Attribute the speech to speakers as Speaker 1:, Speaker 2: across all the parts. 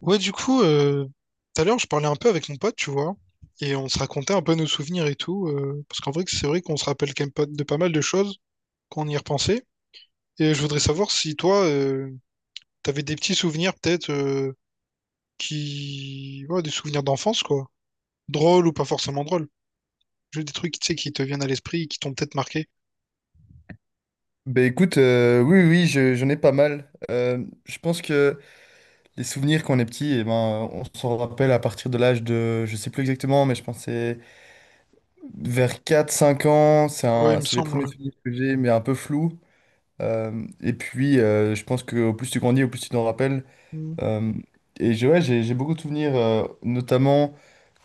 Speaker 1: Ouais, du coup, tout à l'heure, je parlais un peu avec mon pote, tu vois, et on se racontait un peu nos souvenirs et tout, parce qu'en vrai, c'est vrai qu'on se rappelle quand même pas de pas mal de choses quand on y repensait. Et je voudrais savoir si toi, t'avais des petits souvenirs peut-être ouais, des souvenirs d'enfance quoi, drôles ou pas forcément drôles, juste des trucs, tu sais, qui te viennent à l'esprit, et qui t'ont peut-être marqué.
Speaker 2: Ben écoute, oui, oui, j'en ai pas mal. Je pense que les souvenirs quand on est petit, eh ben, on s'en rappelle à partir de l'âge de, je sais plus exactement, mais je pense que c'est vers 4 5 ans. C'est
Speaker 1: Ouais, il
Speaker 2: un-
Speaker 1: me
Speaker 2: c'est les
Speaker 1: semble,
Speaker 2: premiers
Speaker 1: ouais.
Speaker 2: souvenirs que j'ai, mais un peu flous. Et puis, je pense qu'au plus tu grandis, au plus tu t'en rappelles.
Speaker 1: Hmm.
Speaker 2: Euh, et ouais, j'ai beaucoup de souvenirs, notamment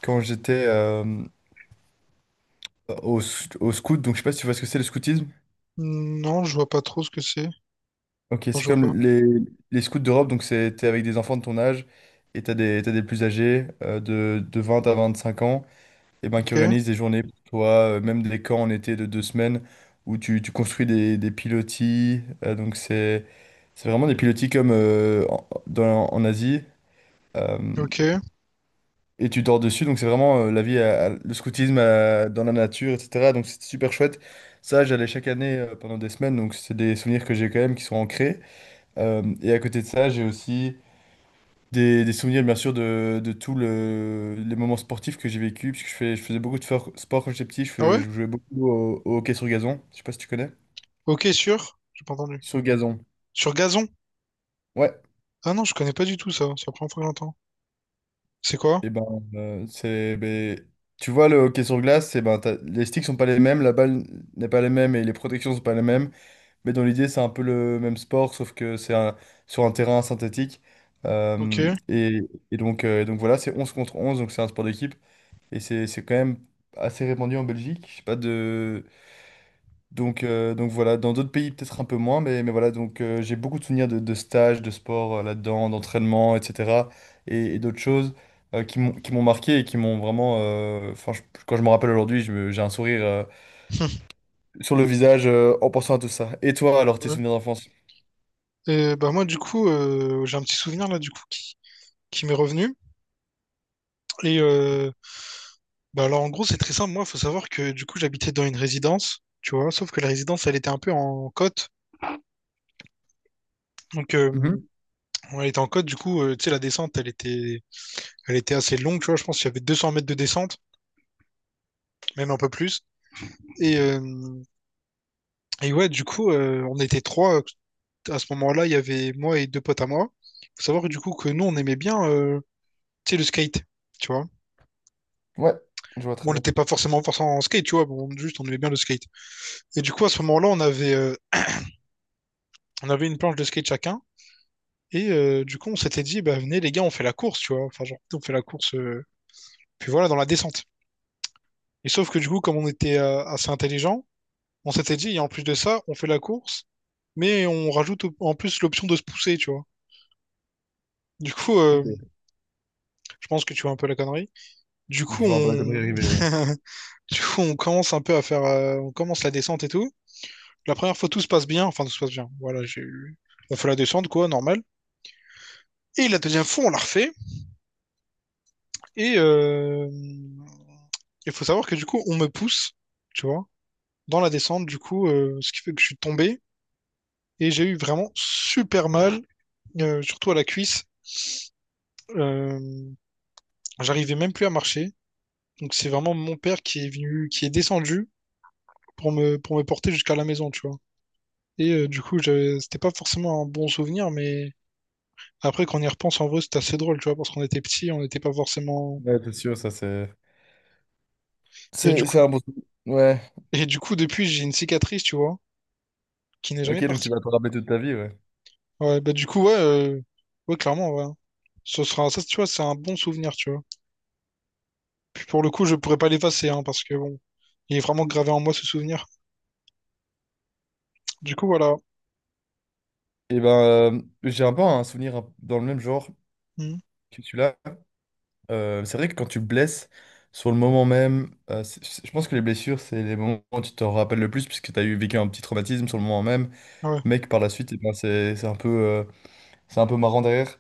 Speaker 2: quand j'étais au scout. Donc, je sais pas si tu vois ce que c'est le scoutisme.
Speaker 1: Non, je vois pas trop ce que c'est. Non,
Speaker 2: Ok,
Speaker 1: je
Speaker 2: c'est
Speaker 1: vois pas.
Speaker 2: comme les scouts d'Europe, donc c'est, t'es avec des enfants de ton âge et t'as des plus âgés de 20 à 25 ans et ben, qui
Speaker 1: Ok,
Speaker 2: organisent des journées pour toi, même des camps en été de 2 semaines où tu construis des pilotis. Donc c'est vraiment des pilotis comme en Asie euh,
Speaker 1: ok.
Speaker 2: et tu dors dessus. Donc c'est vraiment la vie, le scoutisme dans la nature, etc. Donc c'est super chouette. Ça, j'allais chaque année pendant des semaines, donc c'est des souvenirs que j'ai quand même qui sont ancrés. Et à côté de ça, j'ai aussi des souvenirs, bien sûr, de tous les moments sportifs que j'ai vécu, puisque je faisais beaucoup de sport quand j'étais petit, je,
Speaker 1: Ah ouais?
Speaker 2: fais- je jouais beaucoup au hockey sur gazon, je sais pas si tu connais.
Speaker 1: Ok, sur? J'ai pas entendu.
Speaker 2: Sur gazon,
Speaker 1: Sur gazon?
Speaker 2: ouais.
Speaker 1: Ah non, je connais pas du tout ça. C'est la première fois que j'entends. C'est quoi?
Speaker 2: Et ben, ben, tu vois, le hockey sur glace, c'est ben, les sticks sont pas les mêmes, la balle n'est pas les mêmes et les protections sont pas les mêmes, mais dans l'idée, c'est un peu le même sport, sauf que c'est sur un terrain synthétique.
Speaker 1: Ok.
Speaker 2: Euh, et, et donc voilà, c'est 11 contre 11, donc c'est un sport d'équipe. Et c'est quand même assez répandu en Belgique. Je sais pas de... Donc voilà, dans d'autres pays peut-être un peu moins, mais voilà, donc j'ai beaucoup de souvenirs de stages, de sport là-dedans, d'entraînement, etc. Et d'autres choses qui m'ont marqué et qui m'ont vraiment... Enfin, quand je me rappelle aujourd'hui, j'ai un sourire sur le visage en pensant à tout ça. Et toi, alors, tes
Speaker 1: Ouais.
Speaker 2: souvenirs d'enfance?
Speaker 1: Et bah moi du coup j'ai un petit souvenir là du coup qui m'est revenu et euh, bah alors en gros c'est très simple. Moi, faut savoir que du coup j'habitais dans une résidence, tu vois, sauf que la résidence elle était un peu en côte. Donc
Speaker 2: Mhm.
Speaker 1: elle était en côte. Du coup tu sais, la descente, elle était assez longue, tu vois, je pense qu'il y avait 200 mètres de descente, même un peu plus. Et, euh, et ouais, du coup, on était trois. À ce moment-là, il y avait moi et deux potes à moi. Faut savoir que, du coup que nous, on aimait bien, tu sais, le skate, tu vois.
Speaker 2: Ouais, je vois
Speaker 1: Bon,
Speaker 2: très
Speaker 1: on
Speaker 2: bien.
Speaker 1: n'était pas forcément forcément en skate, tu vois. Bon, juste, on aimait bien le skate. Et du coup, à ce moment-là, on avait une planche de skate chacun. Et du coup, on s'était dit, bah venez les gars, on fait la course, tu vois. Enfin, genre, on fait la course, puis voilà, dans la descente. Et sauf que du coup, comme on était assez intelligent, on s'était dit, et en plus de ça, on fait la course, mais on rajoute en plus l'option de se pousser, tu vois. Du coup,
Speaker 2: Ok.
Speaker 1: je pense que tu vois un peu la connerie. Du coup,
Speaker 2: Je vois un peu la connerie
Speaker 1: on,
Speaker 2: arriver, ouais.
Speaker 1: du coup, on commence un peu à faire, on commence la descente et tout. La première fois, tout se passe bien, enfin tout se passe bien. Voilà, on fait la descente quoi, normal. Et la deuxième fois, on la refait. Et il faut savoir que du coup, on me pousse, tu vois, dans la descente. Du coup, ce qui fait que je suis tombé et j'ai eu vraiment super mal, surtout à la cuisse. Euh, j'arrivais même plus à marcher. Donc c'est vraiment mon père qui est venu, qui est descendu pour me porter jusqu'à la maison, tu vois. Et du coup, c'était pas forcément un bon souvenir, mais après, quand on y repense, en vrai, c'était assez drôle, tu vois, parce qu'on était petits, on n'était pas forcément.
Speaker 2: Ouais, c'est sûr, ça c'est...
Speaker 1: Et du
Speaker 2: C'est
Speaker 1: coup,
Speaker 2: un bon souvenir. Ouais.
Speaker 1: et du coup, depuis, j'ai une cicatrice, tu vois, qui n'est jamais
Speaker 2: Ok, donc tu
Speaker 1: partie.
Speaker 2: vas te rappeler toute ta vie, ouais.
Speaker 1: Ouais, bah, du coup, ouais, ouais, clairement, ouais. Ce sera, ça, tu vois, c'est un bon souvenir, tu vois. Puis pour le coup, je pourrais pas l'effacer, hein, parce que bon, il est vraiment gravé en moi, ce souvenir. Du coup, voilà.
Speaker 2: Et ben, j'ai un peu un souvenir dans le même genre
Speaker 1: Hmm.
Speaker 2: que celui-là. C'est vrai que quand tu blesses sur le moment même, je pense que les blessures, c'est les moments où tu t'en rappelles le plus, puisque tu as eu vécu un petit traumatisme sur le moment même,
Speaker 1: Ouais,
Speaker 2: mais que par la suite, eh ben, c'est un peu marrant derrière.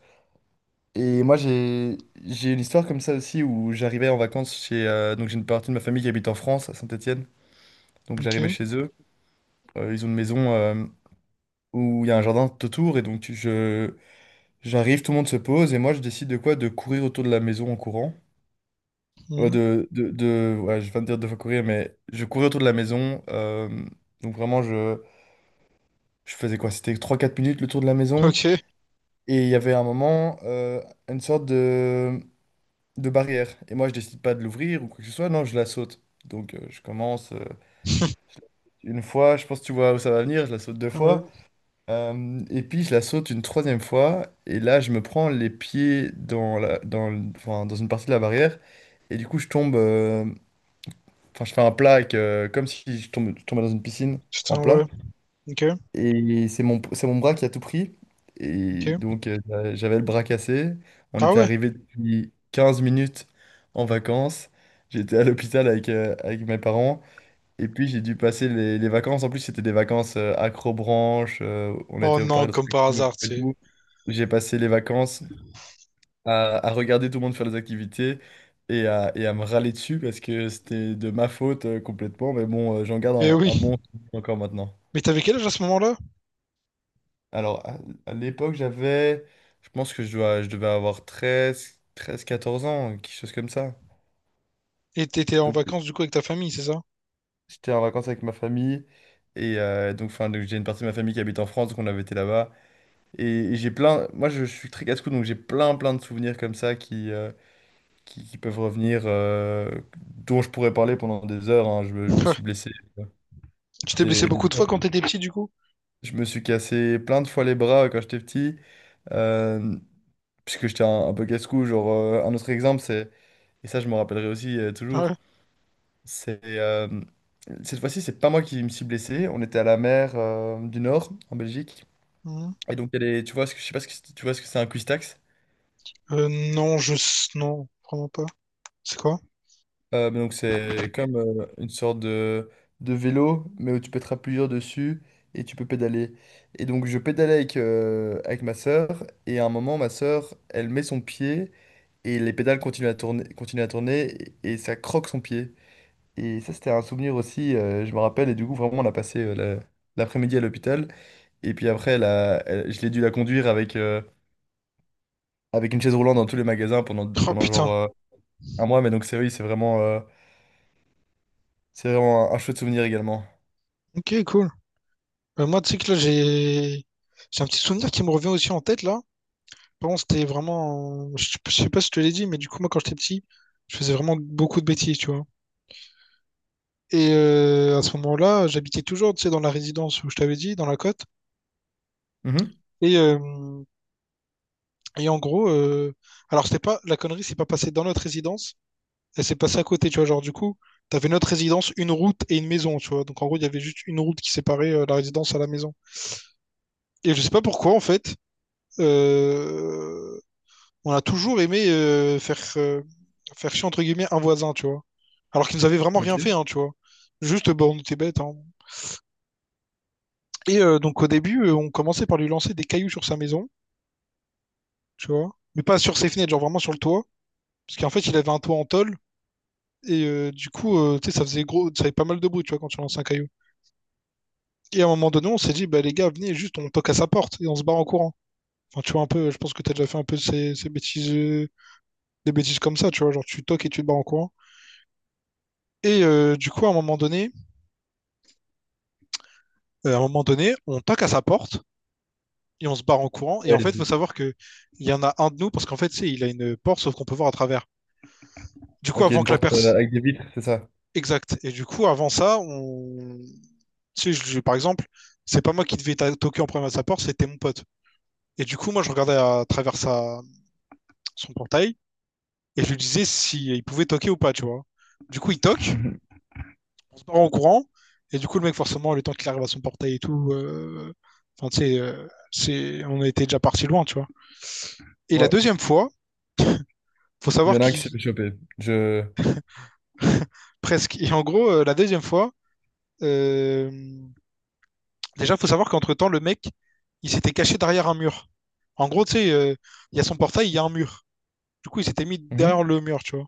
Speaker 2: Et moi, j'ai une histoire comme ça aussi où j'arrivais en vacances chez. Donc, j'ai une partie de ma famille qui habite en France, à Saint-Étienne. Donc, j'arrivais
Speaker 1: ok.
Speaker 2: chez eux. Ils ont une maison où il y a un jardin tout autour, et donc j'arrive, tout le monde se pose et moi je décide de quoi? De courir autour de la maison en courant.
Speaker 1: Hmm.
Speaker 2: Ouais, je viens te dire de fois courir, mais je courais autour de la maison. Donc vraiment, je faisais quoi? C'était 3 4 minutes le tour de la maison.
Speaker 1: Ok.
Speaker 2: Et il y avait un moment, une sorte de barrière. Et moi, je décide pas de l'ouvrir ou quoi que ce soit. Non, je la saute. Donc je commence je la saute une fois, je pense que tu vois où ça va venir, je la saute deux
Speaker 1: Ouais.
Speaker 2: fois. Et puis je la saute une troisième fois, et là je me prends les pieds dans la, dans, le- enfin, dans une partie de la barrière, et du coup je tombe, enfin je fais un plat comme si je tombais dans une piscine en
Speaker 1: Putain, ouais.
Speaker 2: plat,
Speaker 1: Ok,
Speaker 2: et c'est mon bras qui a tout pris, et
Speaker 1: ok.
Speaker 2: donc j'avais le bras cassé, on
Speaker 1: Ah
Speaker 2: était
Speaker 1: ouais.
Speaker 2: arrivé depuis 15 minutes en vacances, j'étais à l'hôpital avec mes parents, et puis j'ai dû passer les vacances, en plus c'était des vacances accrobranche, on
Speaker 1: Oh
Speaker 2: était au
Speaker 1: non,
Speaker 2: parc
Speaker 1: comme par hasard, tu sais.
Speaker 2: d'attractions. J'ai passé les vacances à regarder tout le monde faire des activités et à me râler dessus parce que c'était de ma faute complètement. Mais bon, j'en garde
Speaker 1: Eh
Speaker 2: un
Speaker 1: oui.
Speaker 2: bon souvenir encore maintenant.
Speaker 1: Mais t'avais quel âge à ce moment-là?
Speaker 2: Alors, à l'époque, j'avais, je pense que je devais avoir treize 14 ans, quelque chose comme ça.
Speaker 1: Et t'étais en
Speaker 2: Donc,
Speaker 1: vacances du coup avec ta famille, c'est ça?
Speaker 2: j'étais en vacances avec ma famille. Et donc, enfin, donc, j'ai une partie de ma famille qui habite en France, donc on avait été là-bas. Et, et j'ai plein, moi je suis très casse-cou, donc j'ai plein, plein de souvenirs comme ça qui peuvent revenir, dont je pourrais parler pendant des heures. Hein. Je me suis
Speaker 1: Ouais.
Speaker 2: blessé. euh,
Speaker 1: Tu t'es blessé
Speaker 2: Des, des-
Speaker 1: beaucoup de fois quand t'étais petit du coup?
Speaker 2: Je me suis cassé plein de fois les bras quand j'étais petit, euh, puisque j'étais un peu casse-cou. Genre, un autre exemple, et ça je me rappellerai aussi toujours,
Speaker 1: Ouais.
Speaker 2: c'est cette fois-ci, c'est pas moi qui me suis blessé. On était à la mer du Nord, en Belgique.
Speaker 1: Mhm.
Speaker 2: Et donc, il y a tu vois, je sais pas tu vois ce que c'est un cuistax.
Speaker 1: Euh, non, non, vraiment pas. C'est quoi?
Speaker 2: Donc c'est comme une sorte de vélo, mais où tu peux te plusieurs dessus et tu peux pédaler. Et donc je pédalais avec ma sœur, et à un moment, ma sœur, elle met son pied, et les pédales continuent à tourner, et ça croque son pied. Et ça, c'était un souvenir aussi, je me rappelle, et du coup, vraiment, on a passé l'après-midi à l'hôpital, et puis après, je l'ai dû la conduire avec une chaise roulante dans tous les magasins pendant,
Speaker 1: Oh
Speaker 2: pendant
Speaker 1: putain.
Speaker 2: genre un mois, mais donc c'est oui, c'est vraiment un chouette souvenir également.
Speaker 1: Ok, cool. Moi, tu sais que là, j'ai... J'ai un petit souvenir qui me revient aussi en tête, là. Vraiment, c'était vraiment. Je sais pas si je te l'ai dit, mais du coup, moi, quand j'étais petit, je faisais vraiment beaucoup de bêtises, tu vois. Et à ce moment-là, j'habitais toujours, tu sais, dans la résidence où je t'avais dit, dans la côte.
Speaker 2: Mhm.
Speaker 1: Et, euh, et en gros, alors c'était pas la connerie, c'est pas passé dans notre résidence, elle s'est passée à côté, tu vois. Genre, du coup, t'avais notre résidence, une route et une maison, tu vois. Donc en gros, il y avait juste une route qui séparait la résidence à la maison. Et je sais pas pourquoi, en fait. euh, on a toujours aimé faire chier entre guillemets un voisin, tu vois. Alors qu'ils nous avaient vraiment
Speaker 2: Ok.
Speaker 1: rien fait, hein, tu vois. Juste, bah, on était bêtes, hein. Donc au début, on commençait par lui lancer des cailloux sur sa maison, tu vois. Mais pas sur ses fenêtres, genre vraiment sur le toit. Parce qu'en fait, il avait un toit en tôle. Et du coup, tu sais, ça faisait gros, ça faisait pas mal de bruit, tu vois, quand tu lances un caillou. Et à un moment donné, on s'est dit, bah les gars, venez, juste, on toque à sa porte et on se barre en courant. Enfin, tu vois, un peu, je pense que t'as déjà fait un peu ces bêtises, des bêtises comme ça, tu vois, genre tu toques et tu te barres en courant. Et du coup, à un moment donné, on toque à sa porte et on se barre en courant. Et
Speaker 2: Ouais,
Speaker 1: en fait, il faut savoir qu'il y en a un de nous, parce qu'en fait, tu sais, il a une porte, sauf qu'on peut voir à travers. Du coup,
Speaker 2: Ok,
Speaker 1: avant
Speaker 2: une
Speaker 1: que la
Speaker 2: porte
Speaker 1: perce.
Speaker 2: avec des vitres, c'est ça.
Speaker 1: Exact. Et du coup, avant ça, on. Tu sais, par exemple, c'est pas moi qui devais toquer en premier à sa porte, c'était mon pote. Et du coup, moi, je regardais à travers son portail et je lui disais si il pouvait toquer ou pas, tu vois. Du coup, il toque,
Speaker 2: Mhm.
Speaker 1: on se barre en courant. Et du coup, le mec, forcément, le temps qu'il arrive à son portail et tout, enfin, tu sais, c'est... on était déjà parti loin, tu vois. Et la
Speaker 2: Ouais.
Speaker 1: deuxième fois, faut
Speaker 2: Il y
Speaker 1: savoir
Speaker 2: en a un qui s'est
Speaker 1: qu'il
Speaker 2: fait choper. Je...
Speaker 1: presque. Et en gros, la deuxième fois, euh, déjà, faut savoir qu'entre-temps, le mec, il s'était caché derrière un mur. En gros, tu sais, il y a son portail, il y a un mur. Du coup, il s'était mis
Speaker 2: Mhm.
Speaker 1: derrière le mur, tu vois.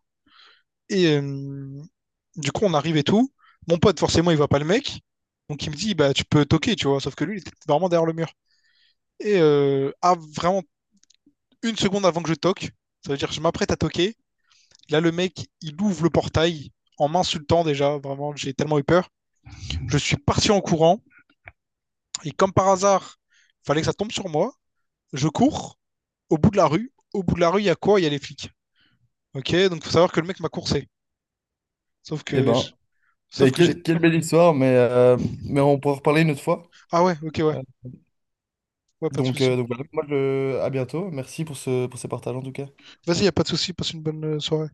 Speaker 1: Et du coup, on arrive et tout. Mon pote, forcément, il voit pas le mec. Donc, il me dit, bah, tu peux toquer, tu vois. Sauf que lui, il était vraiment derrière le mur. Et à vraiment 1 seconde avant que je toque, ça veut dire que je m'apprête à toquer. Là, le mec, il ouvre le portail en m'insultant déjà. Vraiment, j'ai tellement eu peur. Je suis parti en courant. Et comme par hasard, fallait que ça tombe sur moi. Je cours au bout de la rue. Au bout de la rue, il y a quoi? Il y a les flics. Ok, donc faut savoir que le mec m'a coursé. Sauf
Speaker 2: Eh
Speaker 1: que
Speaker 2: ben,
Speaker 1: je- sauf
Speaker 2: mais
Speaker 1: que j'ai.
Speaker 2: quelle belle histoire, mais on pourra en reparler une autre fois.
Speaker 1: Ah ouais, ok, ouais.
Speaker 2: Euh,
Speaker 1: Ouais, pas de
Speaker 2: Donc, euh,
Speaker 1: souci.
Speaker 2: donc voilà, moi, à bientôt. Merci pour ces partages en tout cas.
Speaker 1: Vas-y, y a pas de souci, passe une bonne soirée.